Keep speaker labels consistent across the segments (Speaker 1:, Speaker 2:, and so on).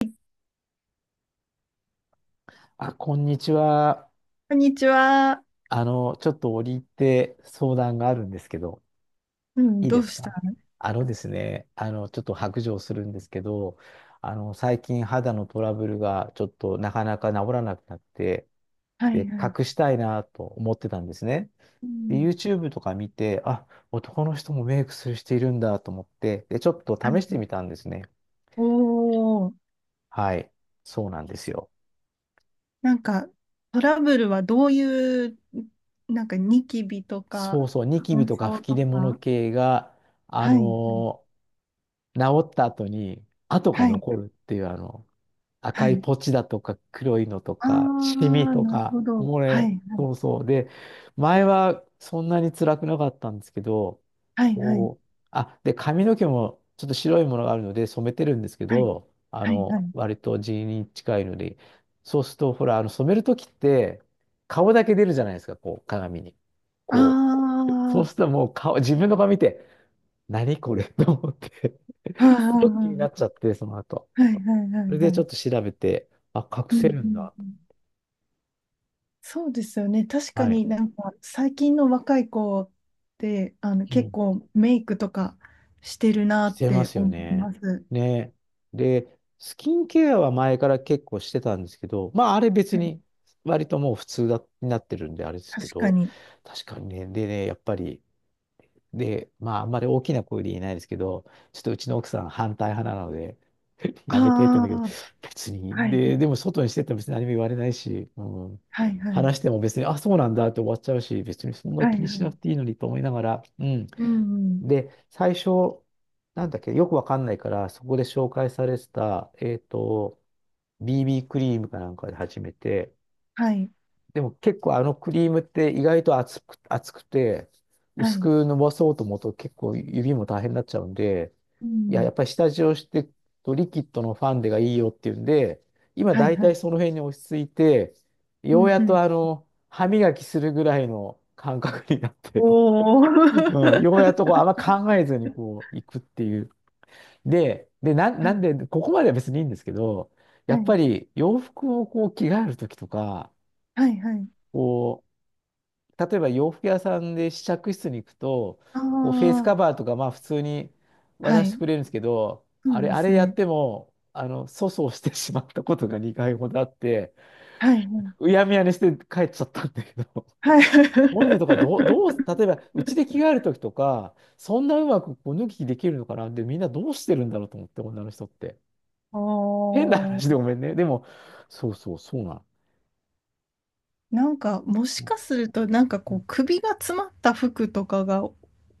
Speaker 1: こ
Speaker 2: あ、こんにちは。
Speaker 1: んにちは。
Speaker 2: ちょっと折り入って相談があるんですけど、
Speaker 1: うん、
Speaker 2: いい
Speaker 1: ど
Speaker 2: で
Speaker 1: う
Speaker 2: す
Speaker 1: した？
Speaker 2: か？あのですね、ちょっと白状するんですけど、最近肌のトラブルがちょっとなかなか治らなくなって、
Speaker 1: はい
Speaker 2: で、
Speaker 1: は
Speaker 2: 隠
Speaker 1: い。
Speaker 2: したいなと思ってたんですね。
Speaker 1: う
Speaker 2: で、
Speaker 1: ん、
Speaker 2: YouTube とか見て、あ、男の人もメイクする人いるんだと思って、で、ちょっと
Speaker 1: は
Speaker 2: 試して
Speaker 1: い。
Speaker 2: みたんですね。
Speaker 1: おー、
Speaker 2: はい。そうなんですよ。
Speaker 1: なんか、トラブルはどういう、なんか、ニキビと
Speaker 2: そう
Speaker 1: か、
Speaker 2: そう、ニキビ
Speaker 1: 乾
Speaker 2: とか
Speaker 1: 燥
Speaker 2: 吹き
Speaker 1: と
Speaker 2: 出物
Speaker 1: か。
Speaker 2: 系が、あ
Speaker 1: はい、
Speaker 2: のー治った後に跡が
Speaker 1: はい、はい、
Speaker 2: 残るっていう赤
Speaker 1: は
Speaker 2: い
Speaker 1: い。
Speaker 2: ポチだとか黒いのと
Speaker 1: あ
Speaker 2: かシミ
Speaker 1: ー、
Speaker 2: と
Speaker 1: なるほ
Speaker 2: か
Speaker 1: ど。
Speaker 2: もう
Speaker 1: はい、は
Speaker 2: ね、
Speaker 1: い、
Speaker 2: そうそう。で、前はそんなに辛くなかったんですけど、
Speaker 1: はい、はい、
Speaker 2: こう、あ、で髪の毛もちょっと白いものがあるので染めてるんですけ
Speaker 1: はい、
Speaker 2: ど、あ
Speaker 1: はい。は
Speaker 2: の
Speaker 1: い。
Speaker 2: 割と地に近いので、そうするとほら、あの染める時って顔だけ出るじゃないですか、こう鏡に。
Speaker 1: あ
Speaker 2: こう、そうすると
Speaker 1: ー、
Speaker 2: もう顔、自分の顔見て、何これと思って、
Speaker 1: は
Speaker 2: す
Speaker 1: い、
Speaker 2: ごく気にな
Speaker 1: は
Speaker 2: っち
Speaker 1: い、
Speaker 2: ゃって、その後。
Speaker 1: はい、はい、はいはい。ああー、はいはいは
Speaker 2: そ
Speaker 1: いはいはいはい
Speaker 2: れ
Speaker 1: は
Speaker 2: で
Speaker 1: い
Speaker 2: ち
Speaker 1: は
Speaker 2: ょっ
Speaker 1: い。
Speaker 2: と調べて、あ、隠
Speaker 1: うん、う
Speaker 2: せるん
Speaker 1: ん
Speaker 2: だ
Speaker 1: う
Speaker 2: と。
Speaker 1: ん。そうですよね。確か
Speaker 2: はい。
Speaker 1: になんか最近の若い子って
Speaker 2: う
Speaker 1: 結
Speaker 2: ん。
Speaker 1: 構メイクとかしてるな
Speaker 2: し
Speaker 1: っ
Speaker 2: てま
Speaker 1: て
Speaker 2: すよ
Speaker 1: 思い
Speaker 2: ね。
Speaker 1: ます。
Speaker 2: ね。で、スキンケアは前から結構してたんですけど、まあ、あれ別
Speaker 1: はい。
Speaker 2: に、割ともう普通だ、になってるんで、あれですけ
Speaker 1: 確か
Speaker 2: ど、
Speaker 1: に。
Speaker 2: 確かにね、でね、やっぱり、で、まあ、あんまり大きな声で言えないですけど、ちょっとうちの奥さん反対派なので、
Speaker 1: あ
Speaker 2: やめてって言うんだけ
Speaker 1: あ、
Speaker 2: ど、別
Speaker 1: は
Speaker 2: に、
Speaker 1: いはい。
Speaker 2: でも外にしてっても別に何も言われないし、うん、
Speaker 1: はいはい。
Speaker 2: 話しても別に、あ、そうなんだって終わっちゃうし、別にそんな
Speaker 1: は
Speaker 2: 気
Speaker 1: い
Speaker 2: に
Speaker 1: は
Speaker 2: しなく
Speaker 1: い。
Speaker 2: ていいのにと思いながら、うん。
Speaker 1: うんうん。
Speaker 2: で、最初、なんだっけ、よくわかんないから、そこで紹介されてた、BB クリームかなんかで始めて、
Speaker 1: はい。
Speaker 2: でも結構あのクリームって意外と厚くて、
Speaker 1: は
Speaker 2: 薄
Speaker 1: い。
Speaker 2: く伸ばそうと思うと結構指も大変になっちゃうんで、
Speaker 1: う
Speaker 2: いや、や
Speaker 1: ん。
Speaker 2: っぱり下地をしてとリキッドのファンデがいいよっていうんで、今
Speaker 1: はい
Speaker 2: 大
Speaker 1: は
Speaker 2: 体
Speaker 1: い。
Speaker 2: その辺に落ち着いて、
Speaker 1: う
Speaker 2: よう
Speaker 1: ん
Speaker 2: や
Speaker 1: う
Speaker 2: っと
Speaker 1: ん。
Speaker 2: 歯磨きするぐらいの感覚になって、
Speaker 1: おお。
Speaker 2: うん、ようやっ
Speaker 1: は
Speaker 2: とこうあんま考えずにこう行くっていう。で、で、な、なんで、
Speaker 1: い
Speaker 2: ここまでは別にいいんですけど、や
Speaker 1: は
Speaker 2: っぱ
Speaker 1: い
Speaker 2: り洋服をこう着替えるときとか、
Speaker 1: はいはい。
Speaker 2: こう、例えば洋服屋さんで試着室に行くと、
Speaker 1: あ
Speaker 2: こうフェイスカバーとか、まあ普通に
Speaker 1: あ、は
Speaker 2: 渡して
Speaker 1: い。
Speaker 2: くれるんですけど、
Speaker 1: そうで
Speaker 2: あ
Speaker 1: す
Speaker 2: れやっ
Speaker 1: ね。
Speaker 2: ても、粗相してしまったことが2回ほどあって、
Speaker 1: はいはい。
Speaker 2: うやむやにして帰っちゃったんだけど、
Speaker 1: はい。
Speaker 2: こういうのとかどう、どう、例えばうちで着 替えるときとか、そんなうまくこう脱ぎ着できるのかなって、みんなどうしてるんだろうと思って、女の人って。
Speaker 1: お
Speaker 2: 変な
Speaker 1: お。
Speaker 2: 話でごめんね。でも、そうそう、そうなの。
Speaker 1: なんか、もしかすると、なんか
Speaker 2: う
Speaker 1: こ
Speaker 2: ん、
Speaker 1: う、首が詰まった服とかが、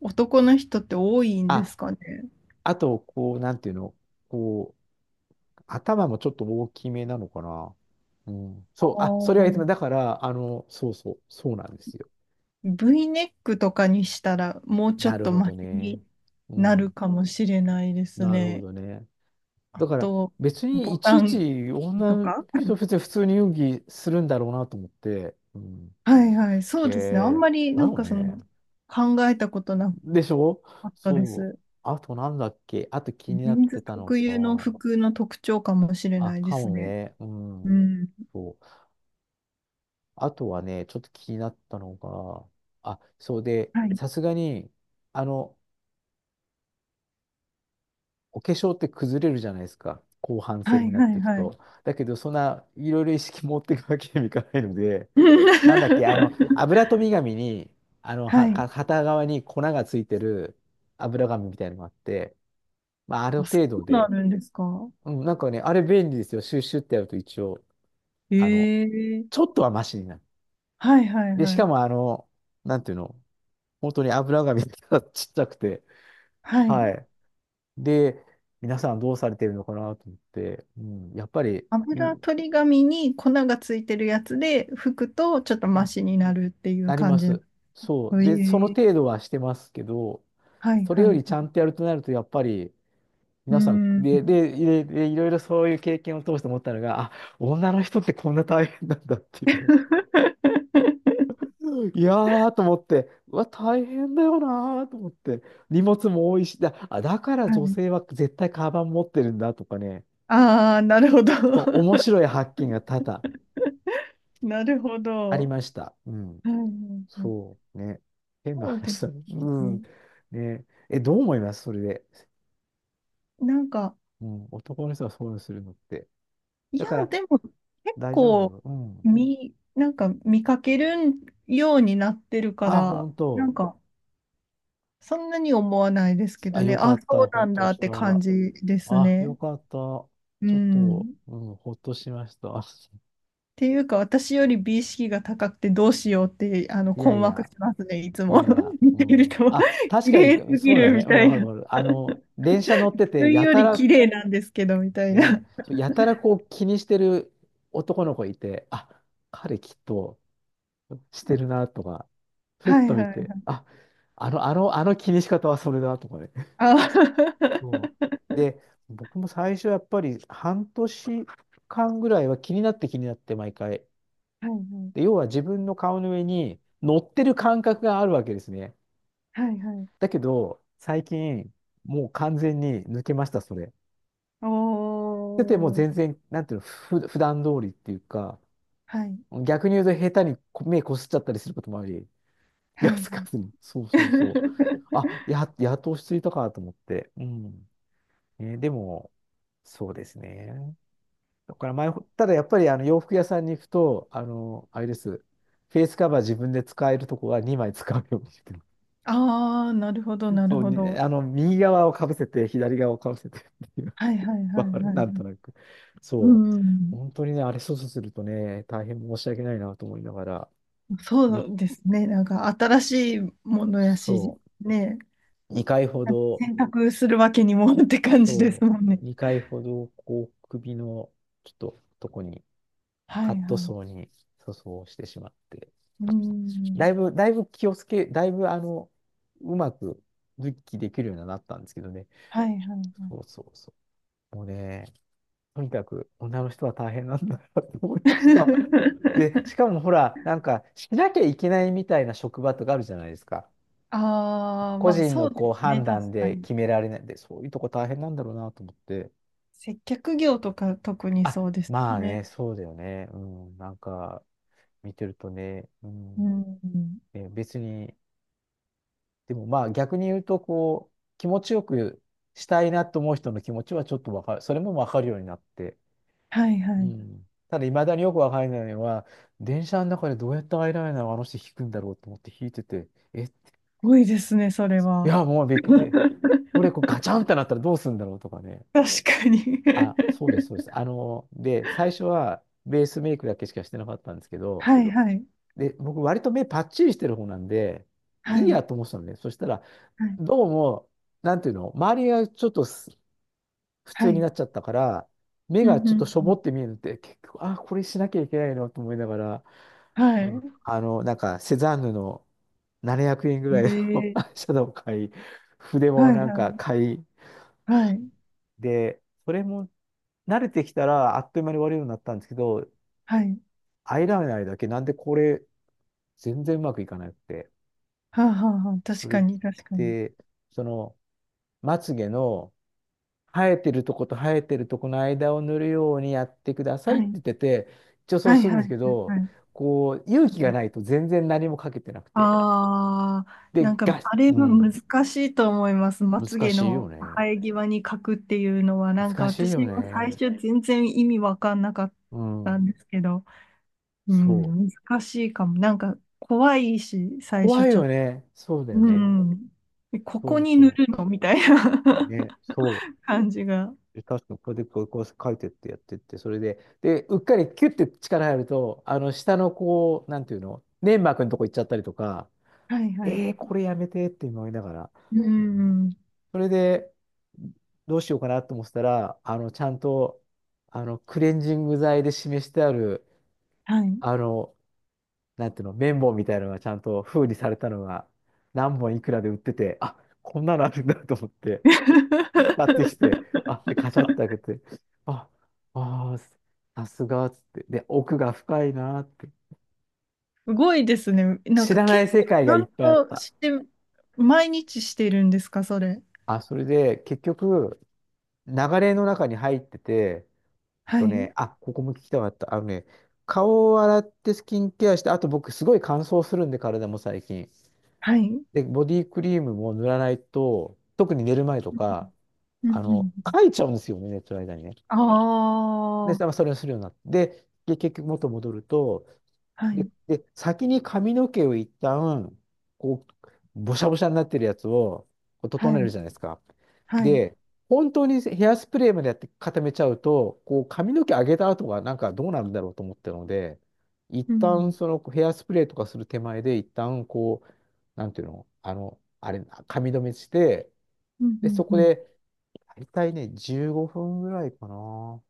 Speaker 1: 男の人って多いんで
Speaker 2: あ、
Speaker 1: すかね。
Speaker 2: あと、こう、なんていうの、こう、頭もちょっと大きめなのかな。うん。
Speaker 1: あ
Speaker 2: そう、あ、それは言ってた、だ
Speaker 1: あ。
Speaker 2: から、そうそう、そうなんですよ。
Speaker 1: V ネックとかにしたら、もうちょ
Speaker 2: な
Speaker 1: っ
Speaker 2: る
Speaker 1: と
Speaker 2: ほ
Speaker 1: マ
Speaker 2: ど
Speaker 1: シ
Speaker 2: ね。
Speaker 1: に
Speaker 2: う
Speaker 1: なる
Speaker 2: ん。
Speaker 1: かもしれないです
Speaker 2: なるほ
Speaker 1: ね。
Speaker 2: どね。
Speaker 1: あ
Speaker 2: だから、
Speaker 1: と、
Speaker 2: 別に
Speaker 1: ボ
Speaker 2: い
Speaker 1: タ
Speaker 2: ちい
Speaker 1: ン
Speaker 2: ち女
Speaker 1: と
Speaker 2: の
Speaker 1: か。
Speaker 2: 人、別に普通に遊戯するんだろうなと思って。うん。
Speaker 1: はいはい、そ
Speaker 2: へ
Speaker 1: うですね。あん
Speaker 2: え、
Speaker 1: まり、
Speaker 2: だ
Speaker 1: なん
Speaker 2: よ
Speaker 1: かそ
Speaker 2: ね。
Speaker 1: の、考えたことな
Speaker 2: でしょ、
Speaker 1: かったで
Speaker 2: そう。
Speaker 1: す。
Speaker 2: あとなんだっけ、あと気になっ
Speaker 1: 人ン
Speaker 2: て
Speaker 1: ズ
Speaker 2: たの
Speaker 1: 特有の
Speaker 2: か。
Speaker 1: 服の特徴かもしれ
Speaker 2: あ、
Speaker 1: ないで
Speaker 2: か
Speaker 1: す
Speaker 2: も
Speaker 1: ね。
Speaker 2: ね。う
Speaker 1: う
Speaker 2: ん。
Speaker 1: ん。
Speaker 2: そう。あとはね、ちょっと気になったのが、あ、そうで、
Speaker 1: はい。
Speaker 2: さすがに、あの、お化粧って崩れるじゃないですか。後半
Speaker 1: は
Speaker 2: 戦に
Speaker 1: い
Speaker 2: なっ
Speaker 1: は
Speaker 2: てい
Speaker 1: い
Speaker 2: く
Speaker 1: はい。
Speaker 2: と。だけど、そんないろいろ意識持っていくわけにもいかないので、なんだっけ、油飛び紙に、
Speaker 1: はい。
Speaker 2: 片側に粉がついてる油紙みたいなのがあって、まあ、ある
Speaker 1: あ、そ
Speaker 2: 程度
Speaker 1: うな
Speaker 2: で、
Speaker 1: るんですか？
Speaker 2: うん、なんかね、あれ便利ですよ。シュッシュってやると一応、あの、
Speaker 1: え
Speaker 2: ちょ
Speaker 1: え。
Speaker 2: っとはマシになる。
Speaker 1: はいはい
Speaker 2: で、し
Speaker 1: は
Speaker 2: か
Speaker 1: い。
Speaker 2: も、なんていうの、本当に油紙がちっちゃくて、
Speaker 1: は
Speaker 2: は
Speaker 1: い。
Speaker 2: い。で、皆さんどうされてるのかなと思って、うん、やっぱり、う
Speaker 1: 油
Speaker 2: ん、
Speaker 1: 取り紙に粉がついてるやつで拭くとちょっとマシになるっていう
Speaker 2: ありま
Speaker 1: 感じ。
Speaker 2: す。
Speaker 1: え
Speaker 2: そう。で、その
Speaker 1: え。
Speaker 2: 程度はしてますけど、
Speaker 1: はい
Speaker 2: それ
Speaker 1: はい
Speaker 2: よりち
Speaker 1: は
Speaker 2: ゃ
Speaker 1: い。
Speaker 2: んとやるとなると、やっぱり、
Speaker 1: う
Speaker 2: 皆さん、
Speaker 1: ん。
Speaker 2: で、で、で、でいろいろそういう経験を通して思ったのが、あ、女の人ってこんな大変なんだっていうの。いやーと思って、うわ、大変だよなーと思って、荷物も多いし、だから
Speaker 1: は
Speaker 2: 女
Speaker 1: い。
Speaker 2: 性は絶対カバン持ってるんだとかね、
Speaker 1: ああ、なるほど。
Speaker 2: そう面 白い発見が多々
Speaker 1: なるほ
Speaker 2: あり
Speaker 1: ど。
Speaker 2: ました。うん。
Speaker 1: はいはいはい。
Speaker 2: そうね。変な
Speaker 1: そうです
Speaker 2: 話だね。うん。
Speaker 1: ね。
Speaker 2: ね。え、どう思いますそれで。
Speaker 1: なんか、
Speaker 2: うん。男の人はそういうのするのって。
Speaker 1: い
Speaker 2: だ
Speaker 1: や、
Speaker 2: から、
Speaker 1: でも結
Speaker 2: 大丈
Speaker 1: 構
Speaker 2: 夫、うん。
Speaker 1: 見、なんか見かけるようになってるか
Speaker 2: あ、
Speaker 1: ら、
Speaker 2: 本
Speaker 1: な
Speaker 2: 当。
Speaker 1: んかそんなに思わないですけ
Speaker 2: あ、
Speaker 1: どね、
Speaker 2: よか
Speaker 1: あ、
Speaker 2: っ
Speaker 1: そ
Speaker 2: た。
Speaker 1: う
Speaker 2: ほ
Speaker 1: な
Speaker 2: っ
Speaker 1: ん
Speaker 2: と
Speaker 1: だっ
Speaker 2: し
Speaker 1: て感
Speaker 2: た。
Speaker 1: じです
Speaker 2: あ、よ
Speaker 1: ね。
Speaker 2: かった。ちょ
Speaker 1: う
Speaker 2: っと、
Speaker 1: ん。っ
Speaker 2: うん、ほっとしました。
Speaker 1: ていうか、私より美意識が高くてどうしようって、あの、
Speaker 2: いや
Speaker 1: 困
Speaker 2: い
Speaker 1: 惑
Speaker 2: や、
Speaker 1: しますね、いつ
Speaker 2: い
Speaker 1: も。
Speaker 2: やいや、
Speaker 1: 見
Speaker 2: う
Speaker 1: てる
Speaker 2: ん。
Speaker 1: と、
Speaker 2: あ、確
Speaker 1: 綺
Speaker 2: か
Speaker 1: 麗
Speaker 2: に、
Speaker 1: すぎ
Speaker 2: そうだ
Speaker 1: る
Speaker 2: ね。
Speaker 1: み
Speaker 2: うん、
Speaker 1: た
Speaker 2: わ
Speaker 1: い
Speaker 2: かる
Speaker 1: な。自
Speaker 2: わかる。電車乗ってて、
Speaker 1: 分
Speaker 2: や
Speaker 1: よ
Speaker 2: た
Speaker 1: り
Speaker 2: ら
Speaker 1: 綺麗なんですけど、みたいな。
Speaker 2: ね、そうやたらこう気にしてる男の子いて、あ、彼きっとしてるなとか、ふっ
Speaker 1: は
Speaker 2: と
Speaker 1: いは
Speaker 2: 見
Speaker 1: いは
Speaker 2: て、
Speaker 1: い。
Speaker 2: あ、あの気にし方はそれだとかね。
Speaker 1: あ は
Speaker 2: もう で、僕も最初やっぱり半年間ぐらいは気になって気になって毎回。
Speaker 1: いは
Speaker 2: で、
Speaker 1: い。
Speaker 2: 要は自分の顔の上に乗ってる感覚があるわけですね。
Speaker 1: はいはい。
Speaker 2: だけど、最近もう完全に抜けました、それ。
Speaker 1: お
Speaker 2: でてもう
Speaker 1: ー。
Speaker 2: 全然、なんていうの、普段通りっていうか、
Speaker 1: はい。
Speaker 2: 逆に言うと下手にこ目こすっちゃったりすることもあり、気が
Speaker 1: はい
Speaker 2: つ
Speaker 1: は
Speaker 2: か
Speaker 1: い。
Speaker 2: ずに。そうそうそう。やっと落ち着いたかと思って。うん。ね、でも、そうですね。だからただやっぱりあの洋服屋さんに行くと、あれです。フェイスカバー自分で使えるとこは2枚使うようにしてる。
Speaker 1: ああ、なるほど、なる
Speaker 2: そう
Speaker 1: ほ
Speaker 2: に、
Speaker 1: ど。
Speaker 2: 右側をかぶせて、左側をかぶせてっていう。
Speaker 1: はいはいは
Speaker 2: わ
Speaker 1: い
Speaker 2: かる
Speaker 1: は
Speaker 2: なんと
Speaker 1: い。
Speaker 2: なく。
Speaker 1: う
Speaker 2: そう。
Speaker 1: ん。
Speaker 2: 本当にね、あれ操作するとね、大変申し訳ないなと思いながら。
Speaker 1: そ
Speaker 2: に
Speaker 1: うですね。なんか新しいものやし、
Speaker 2: そう。
Speaker 1: ね、
Speaker 2: 2回ほど、
Speaker 1: 選択するわけにも って感じです
Speaker 2: そ
Speaker 1: もんね。
Speaker 2: 2回ほど、こう、首の、ちょっと、とこに、
Speaker 1: は
Speaker 2: カッ
Speaker 1: い
Speaker 2: ト
Speaker 1: は
Speaker 2: ソー
Speaker 1: い。
Speaker 2: に塗装してしまって、
Speaker 1: う
Speaker 2: だい
Speaker 1: ん。
Speaker 2: ぶ、だいぶ気をつけ、だいぶ、あの、うまく、復帰できるようになったんですけどね。
Speaker 1: はいはい。
Speaker 2: そうそうそう。もうね、とにかく、女の人は大変なんだなと思いました。で、しか もほら、なんか、しなきゃいけないみたいな職場とかあるじゃないですか。
Speaker 1: ああ、
Speaker 2: 個
Speaker 1: まあ
Speaker 2: 人
Speaker 1: そ
Speaker 2: の
Speaker 1: うで
Speaker 2: こう
Speaker 1: すね。
Speaker 2: 判断
Speaker 1: 確か
Speaker 2: で
Speaker 1: に。
Speaker 2: 決められないんで、そういうとこ大変なんだろうなと思って。
Speaker 1: 接客業とか特にそ
Speaker 2: あ、
Speaker 1: うです
Speaker 2: まあ
Speaker 1: ね。
Speaker 2: ね、そうだよね。うん、なんか、見てるとね、う
Speaker 1: う
Speaker 2: ん、
Speaker 1: ん。
Speaker 2: ね別に、でもまあ逆に言うと、こう、気持ちよくしたいなと思う人の気持ちはちょっとわかる、それもわかるようになって。
Speaker 1: はいは
Speaker 2: う
Speaker 1: い。す
Speaker 2: ん。ただ、未だによくわからないのは、電車の中でどうやってアイライナーをあの人引くんだろうと思って引いてて、え、
Speaker 1: ごいですね、それ
Speaker 2: い
Speaker 1: は。
Speaker 2: や、もうびっくりで、これこうガ チャンってなったらどうするんだろうとかね。
Speaker 1: 確かに。
Speaker 2: あ、そうです、そうです。で、最初はベースメイクだけしかしてなかったんですけ ど、
Speaker 1: はいはい
Speaker 2: で、僕割と目パッチリしてる方なんで、
Speaker 1: は
Speaker 2: いいや
Speaker 1: い
Speaker 2: と思ってたのね。そしたら、
Speaker 1: はい
Speaker 2: どうも、なんていうの、周りがちょっとす普
Speaker 1: は
Speaker 2: 通にな
Speaker 1: い。
Speaker 2: っちゃったから、目
Speaker 1: うん
Speaker 2: が
Speaker 1: う
Speaker 2: ちょっと
Speaker 1: ん
Speaker 2: しょ
Speaker 1: う
Speaker 2: ぼっ
Speaker 1: ん。
Speaker 2: て見えるって、結局、あ、これしなきゃいけないのと思いながら、
Speaker 1: はい。
Speaker 2: なんか、セザンヌの700円ぐらいの
Speaker 1: え
Speaker 2: アイ
Speaker 1: え。
Speaker 2: シャドウを買い、筆
Speaker 1: は
Speaker 2: も
Speaker 1: い
Speaker 2: なん
Speaker 1: は
Speaker 2: か
Speaker 1: い
Speaker 2: 買い、
Speaker 1: はい
Speaker 2: で、それも慣れてきたらあっという間に終わるようになったんですけど、
Speaker 1: はい。
Speaker 2: アイライナーだけなんでこれ全然うまくいかなくて。
Speaker 1: はあはあはあ。確
Speaker 2: それ
Speaker 1: か
Speaker 2: っ
Speaker 1: に確かに。
Speaker 2: て、その、まつげの生えてるとこと生えてるとこの間を塗るようにやってくださ
Speaker 1: は
Speaker 2: いって
Speaker 1: い
Speaker 2: 言ってて、一応そう
Speaker 1: はい
Speaker 2: するん
Speaker 1: は
Speaker 2: です
Speaker 1: い
Speaker 2: け
Speaker 1: はいは
Speaker 2: ど、
Speaker 1: い。
Speaker 2: こう、勇気がないと全然何もかけてなくて。
Speaker 1: ああー、な
Speaker 2: で、
Speaker 1: んか
Speaker 2: ガッ、
Speaker 1: あれ
Speaker 2: う
Speaker 1: は難
Speaker 2: ん、
Speaker 1: しいと思います。まつ
Speaker 2: 難
Speaker 1: げ
Speaker 2: しいよ
Speaker 1: の
Speaker 2: ね。
Speaker 1: 生え際に描くっていうのは、なんか
Speaker 2: 難しい
Speaker 1: 私
Speaker 2: よ
Speaker 1: も最
Speaker 2: ね。
Speaker 1: 初全然意味わかんなかっ
Speaker 2: う
Speaker 1: た
Speaker 2: ん、
Speaker 1: んですけど、う
Speaker 2: そ
Speaker 1: ん、
Speaker 2: う。
Speaker 1: 難しいかも。なんか怖いし、最初
Speaker 2: 怖い
Speaker 1: ちょ
Speaker 2: よ
Speaker 1: っ、
Speaker 2: ね。そうだよ
Speaker 1: う
Speaker 2: ね。
Speaker 1: ん。で、こ
Speaker 2: そ
Speaker 1: こ
Speaker 2: う
Speaker 1: に塗
Speaker 2: そ
Speaker 1: るのみたい
Speaker 2: う。
Speaker 1: な
Speaker 2: ね、そう。
Speaker 1: 感じが。
Speaker 2: で確かにこうやってこう、こう書いてってやってって、それで、で、うっかりキュッて力入ると、下のこう、なんていうの、粘膜のとこ行っちゃったりとか、
Speaker 1: はいはい。
Speaker 2: これやめてって思いながら、
Speaker 1: う
Speaker 2: うん
Speaker 1: ん。
Speaker 2: それで、どうしようかなと思ってたら、ちゃんと、クレンジング剤で示してある、
Speaker 1: はい。
Speaker 2: あの、なんていうの、綿棒みたいなのがちゃんと封にされたのが、何本いくらで売ってて、あ、こんなのあるんだと思って、買ってきて、あ、で、カチャって開けて、あ、あー、さすがっつって、で、奥が深いなーって。
Speaker 1: すごいですね。なん
Speaker 2: 知
Speaker 1: か
Speaker 2: らな
Speaker 1: 結
Speaker 2: い世
Speaker 1: 構ち
Speaker 2: 界が
Speaker 1: ゃ
Speaker 2: いっ
Speaker 1: ん
Speaker 2: ぱいあっ
Speaker 1: と
Speaker 2: た。
Speaker 1: して、毎日してるんですか、それ？
Speaker 2: あ、それで、結局、流れの中に入ってて、
Speaker 1: は
Speaker 2: と
Speaker 1: い。
Speaker 2: ね、あ、ここも聞きたかった。あのね、顔を洗ってスキンケアして、あと僕すごい乾燥するんで、体も最近。
Speaker 1: はい。うん
Speaker 2: で、ボディクリームも塗らないと、特に寝る前とか、
Speaker 1: うん。
Speaker 2: 書いちゃうんですよね、寝てる間にね。
Speaker 1: あ
Speaker 2: で、
Speaker 1: あ
Speaker 2: まあ
Speaker 1: ー、
Speaker 2: それをするようになって。で、で結局元戻ると、
Speaker 1: は
Speaker 2: で、
Speaker 1: い。
Speaker 2: で、先に髪の毛を一旦、こう、ぼしゃぼしゃになってるやつを、こう整
Speaker 1: は
Speaker 2: え
Speaker 1: い。
Speaker 2: るじゃないですか。
Speaker 1: はい。
Speaker 2: で、本当にヘアスプレーまでやって固めちゃうと、こう、髪の毛上げた後がなんかどうなるんだろうと思ったので、一
Speaker 1: う
Speaker 2: 旦
Speaker 1: ん。
Speaker 2: そのヘアスプレーとかする手前で、一旦こう、なんていうの、あの、あれ、髪留めして、
Speaker 1: うんう
Speaker 2: で、
Speaker 1: ん
Speaker 2: そこ
Speaker 1: うん。
Speaker 2: で、大体ね、15分ぐらいかな。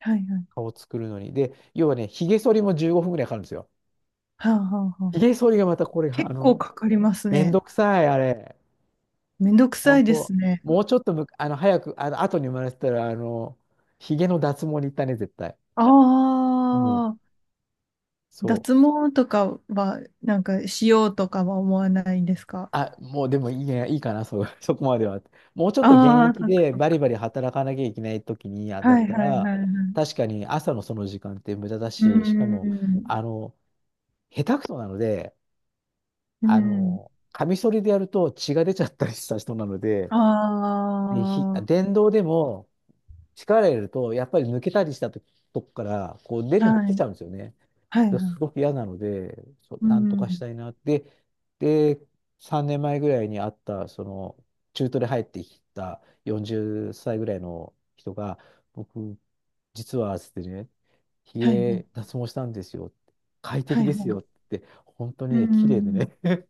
Speaker 1: はいはい。
Speaker 2: 顔作るのに。で、要はね、髭剃りも15分ぐらいかかるんですよ。
Speaker 1: はあはあはあ。
Speaker 2: ひげ剃りがまたこれが、
Speaker 1: 結構かかります
Speaker 2: めん
Speaker 1: ね。
Speaker 2: どくさい、あれ。
Speaker 1: めんどくさ
Speaker 2: 本
Speaker 1: いで
Speaker 2: 当
Speaker 1: すね。
Speaker 2: もうちょっとむ、あの、早く、後に生まれてたら、ひげの脱毛に行ったね、絶対。
Speaker 1: あ
Speaker 2: うん、
Speaker 1: あ。
Speaker 2: そ
Speaker 1: 脱
Speaker 2: う。
Speaker 1: 毛とかは、なんか、しようとかは思わないんですか？
Speaker 2: あ、もうでもいいや、いいかな、そう、そこまでは。もうちょっと現
Speaker 1: ああー、
Speaker 2: 役
Speaker 1: そっか
Speaker 2: で
Speaker 1: そっ
Speaker 2: バリ
Speaker 1: か。
Speaker 2: バリ働かなきゃいけない時に、あだっ
Speaker 1: はい
Speaker 2: た
Speaker 1: はい
Speaker 2: ら、
Speaker 1: はいはい。
Speaker 2: 確かに朝のその時間って無駄だ
Speaker 1: うー
Speaker 2: し、しかも、
Speaker 1: ん。
Speaker 2: あの、下手くそなので、
Speaker 1: うん。
Speaker 2: カミソリでやると血が出ちゃったりした人なので、で、
Speaker 1: あ
Speaker 2: 電動でも、力入れると、やっぱり抜けたりしたとこから、こう出
Speaker 1: あ、
Speaker 2: る、
Speaker 1: は
Speaker 2: 出ち
Speaker 1: い。
Speaker 2: ゃうんですよね。
Speaker 1: はい
Speaker 2: で
Speaker 1: は
Speaker 2: す
Speaker 1: い。
Speaker 2: ごく嫌なので、そ
Speaker 1: う
Speaker 2: なんとかし
Speaker 1: ん。
Speaker 2: たいなって。で、3年前ぐらいに会った、その、中途で入ってきた40歳ぐらいの人が、僕、実は、つってね、ひ
Speaker 1: はいはい。
Speaker 2: げ脱毛したんですよ。快
Speaker 1: は
Speaker 2: 適
Speaker 1: い
Speaker 2: で
Speaker 1: は
Speaker 2: すよっ
Speaker 1: い。
Speaker 2: て。本当に
Speaker 1: う
Speaker 2: ね、綺麗で
Speaker 1: ん。
Speaker 2: ね。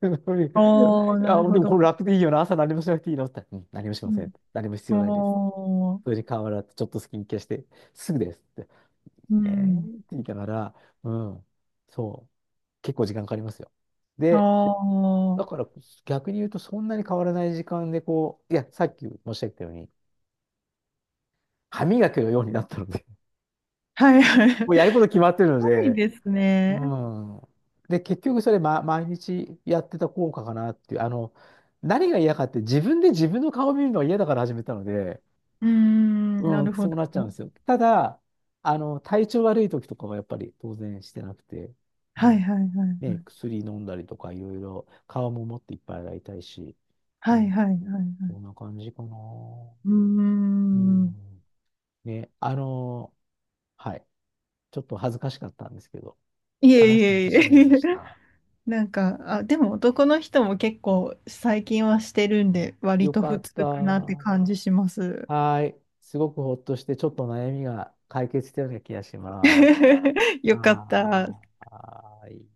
Speaker 1: ああ、な
Speaker 2: あ、
Speaker 1: る
Speaker 2: で
Speaker 1: ほ
Speaker 2: もこ
Speaker 1: ど。
Speaker 2: れ楽でいいよな。朝何もしなくていいのって言ったら、うん、何もし
Speaker 1: う
Speaker 2: ません。何も必
Speaker 1: ん。あ
Speaker 2: 要ないです。
Speaker 1: あ、
Speaker 2: それに顔洗って、ちょっとスキンケアして、すぐですって。
Speaker 1: う
Speaker 2: えーっ
Speaker 1: ん。
Speaker 2: て言いながら、うん、そう。結構時間かかりますよ。
Speaker 1: あ
Speaker 2: で、
Speaker 1: あ、は
Speaker 2: だから逆に言うとそんなに変わらない時間でこう、いや、さっき申し上げたように、歯磨きのようになったので
Speaker 1: いはい。す
Speaker 2: もうやること決まってるの
Speaker 1: ごい
Speaker 2: で、
Speaker 1: です
Speaker 2: う
Speaker 1: ね。
Speaker 2: ん。で、結局それ、ま、毎日やってた効果かなっていう、何が嫌かって自分で自分の顔を見るのは嫌だから始めたので、
Speaker 1: うーん。な
Speaker 2: うん、
Speaker 1: るほ
Speaker 2: そう
Speaker 1: ど。
Speaker 2: なっちゃうんですよ。ただ、体調悪い時とかはやっぱり当然してなくて、う
Speaker 1: はい
Speaker 2: ん。
Speaker 1: はいは
Speaker 2: ね、
Speaker 1: い。
Speaker 2: 薬飲んだりとかいろいろ、顔ももっといっぱい洗いたいし、
Speaker 1: は
Speaker 2: う
Speaker 1: い
Speaker 2: ん。
Speaker 1: はいはいは
Speaker 2: そ
Speaker 1: い。
Speaker 2: んな感じかな。
Speaker 1: うー
Speaker 2: う
Speaker 1: ん。
Speaker 2: ん。ね、はい。ちょっと恥ずかしかったんですけど、
Speaker 1: いえい
Speaker 2: 話してみ
Speaker 1: え
Speaker 2: て
Speaker 1: い
Speaker 2: し
Speaker 1: え
Speaker 2: まい
Speaker 1: いえ。
Speaker 2: まし た。
Speaker 1: なんか、あ、でも男の人も結構最近はしてるんで、割
Speaker 2: よ
Speaker 1: と
Speaker 2: か
Speaker 1: 普
Speaker 2: った。
Speaker 1: 通かなって
Speaker 2: は
Speaker 1: 感じします。
Speaker 2: ーい。すごくほっとして、ちょっと悩みが解決したような気がします。
Speaker 1: よかった。
Speaker 2: はーい。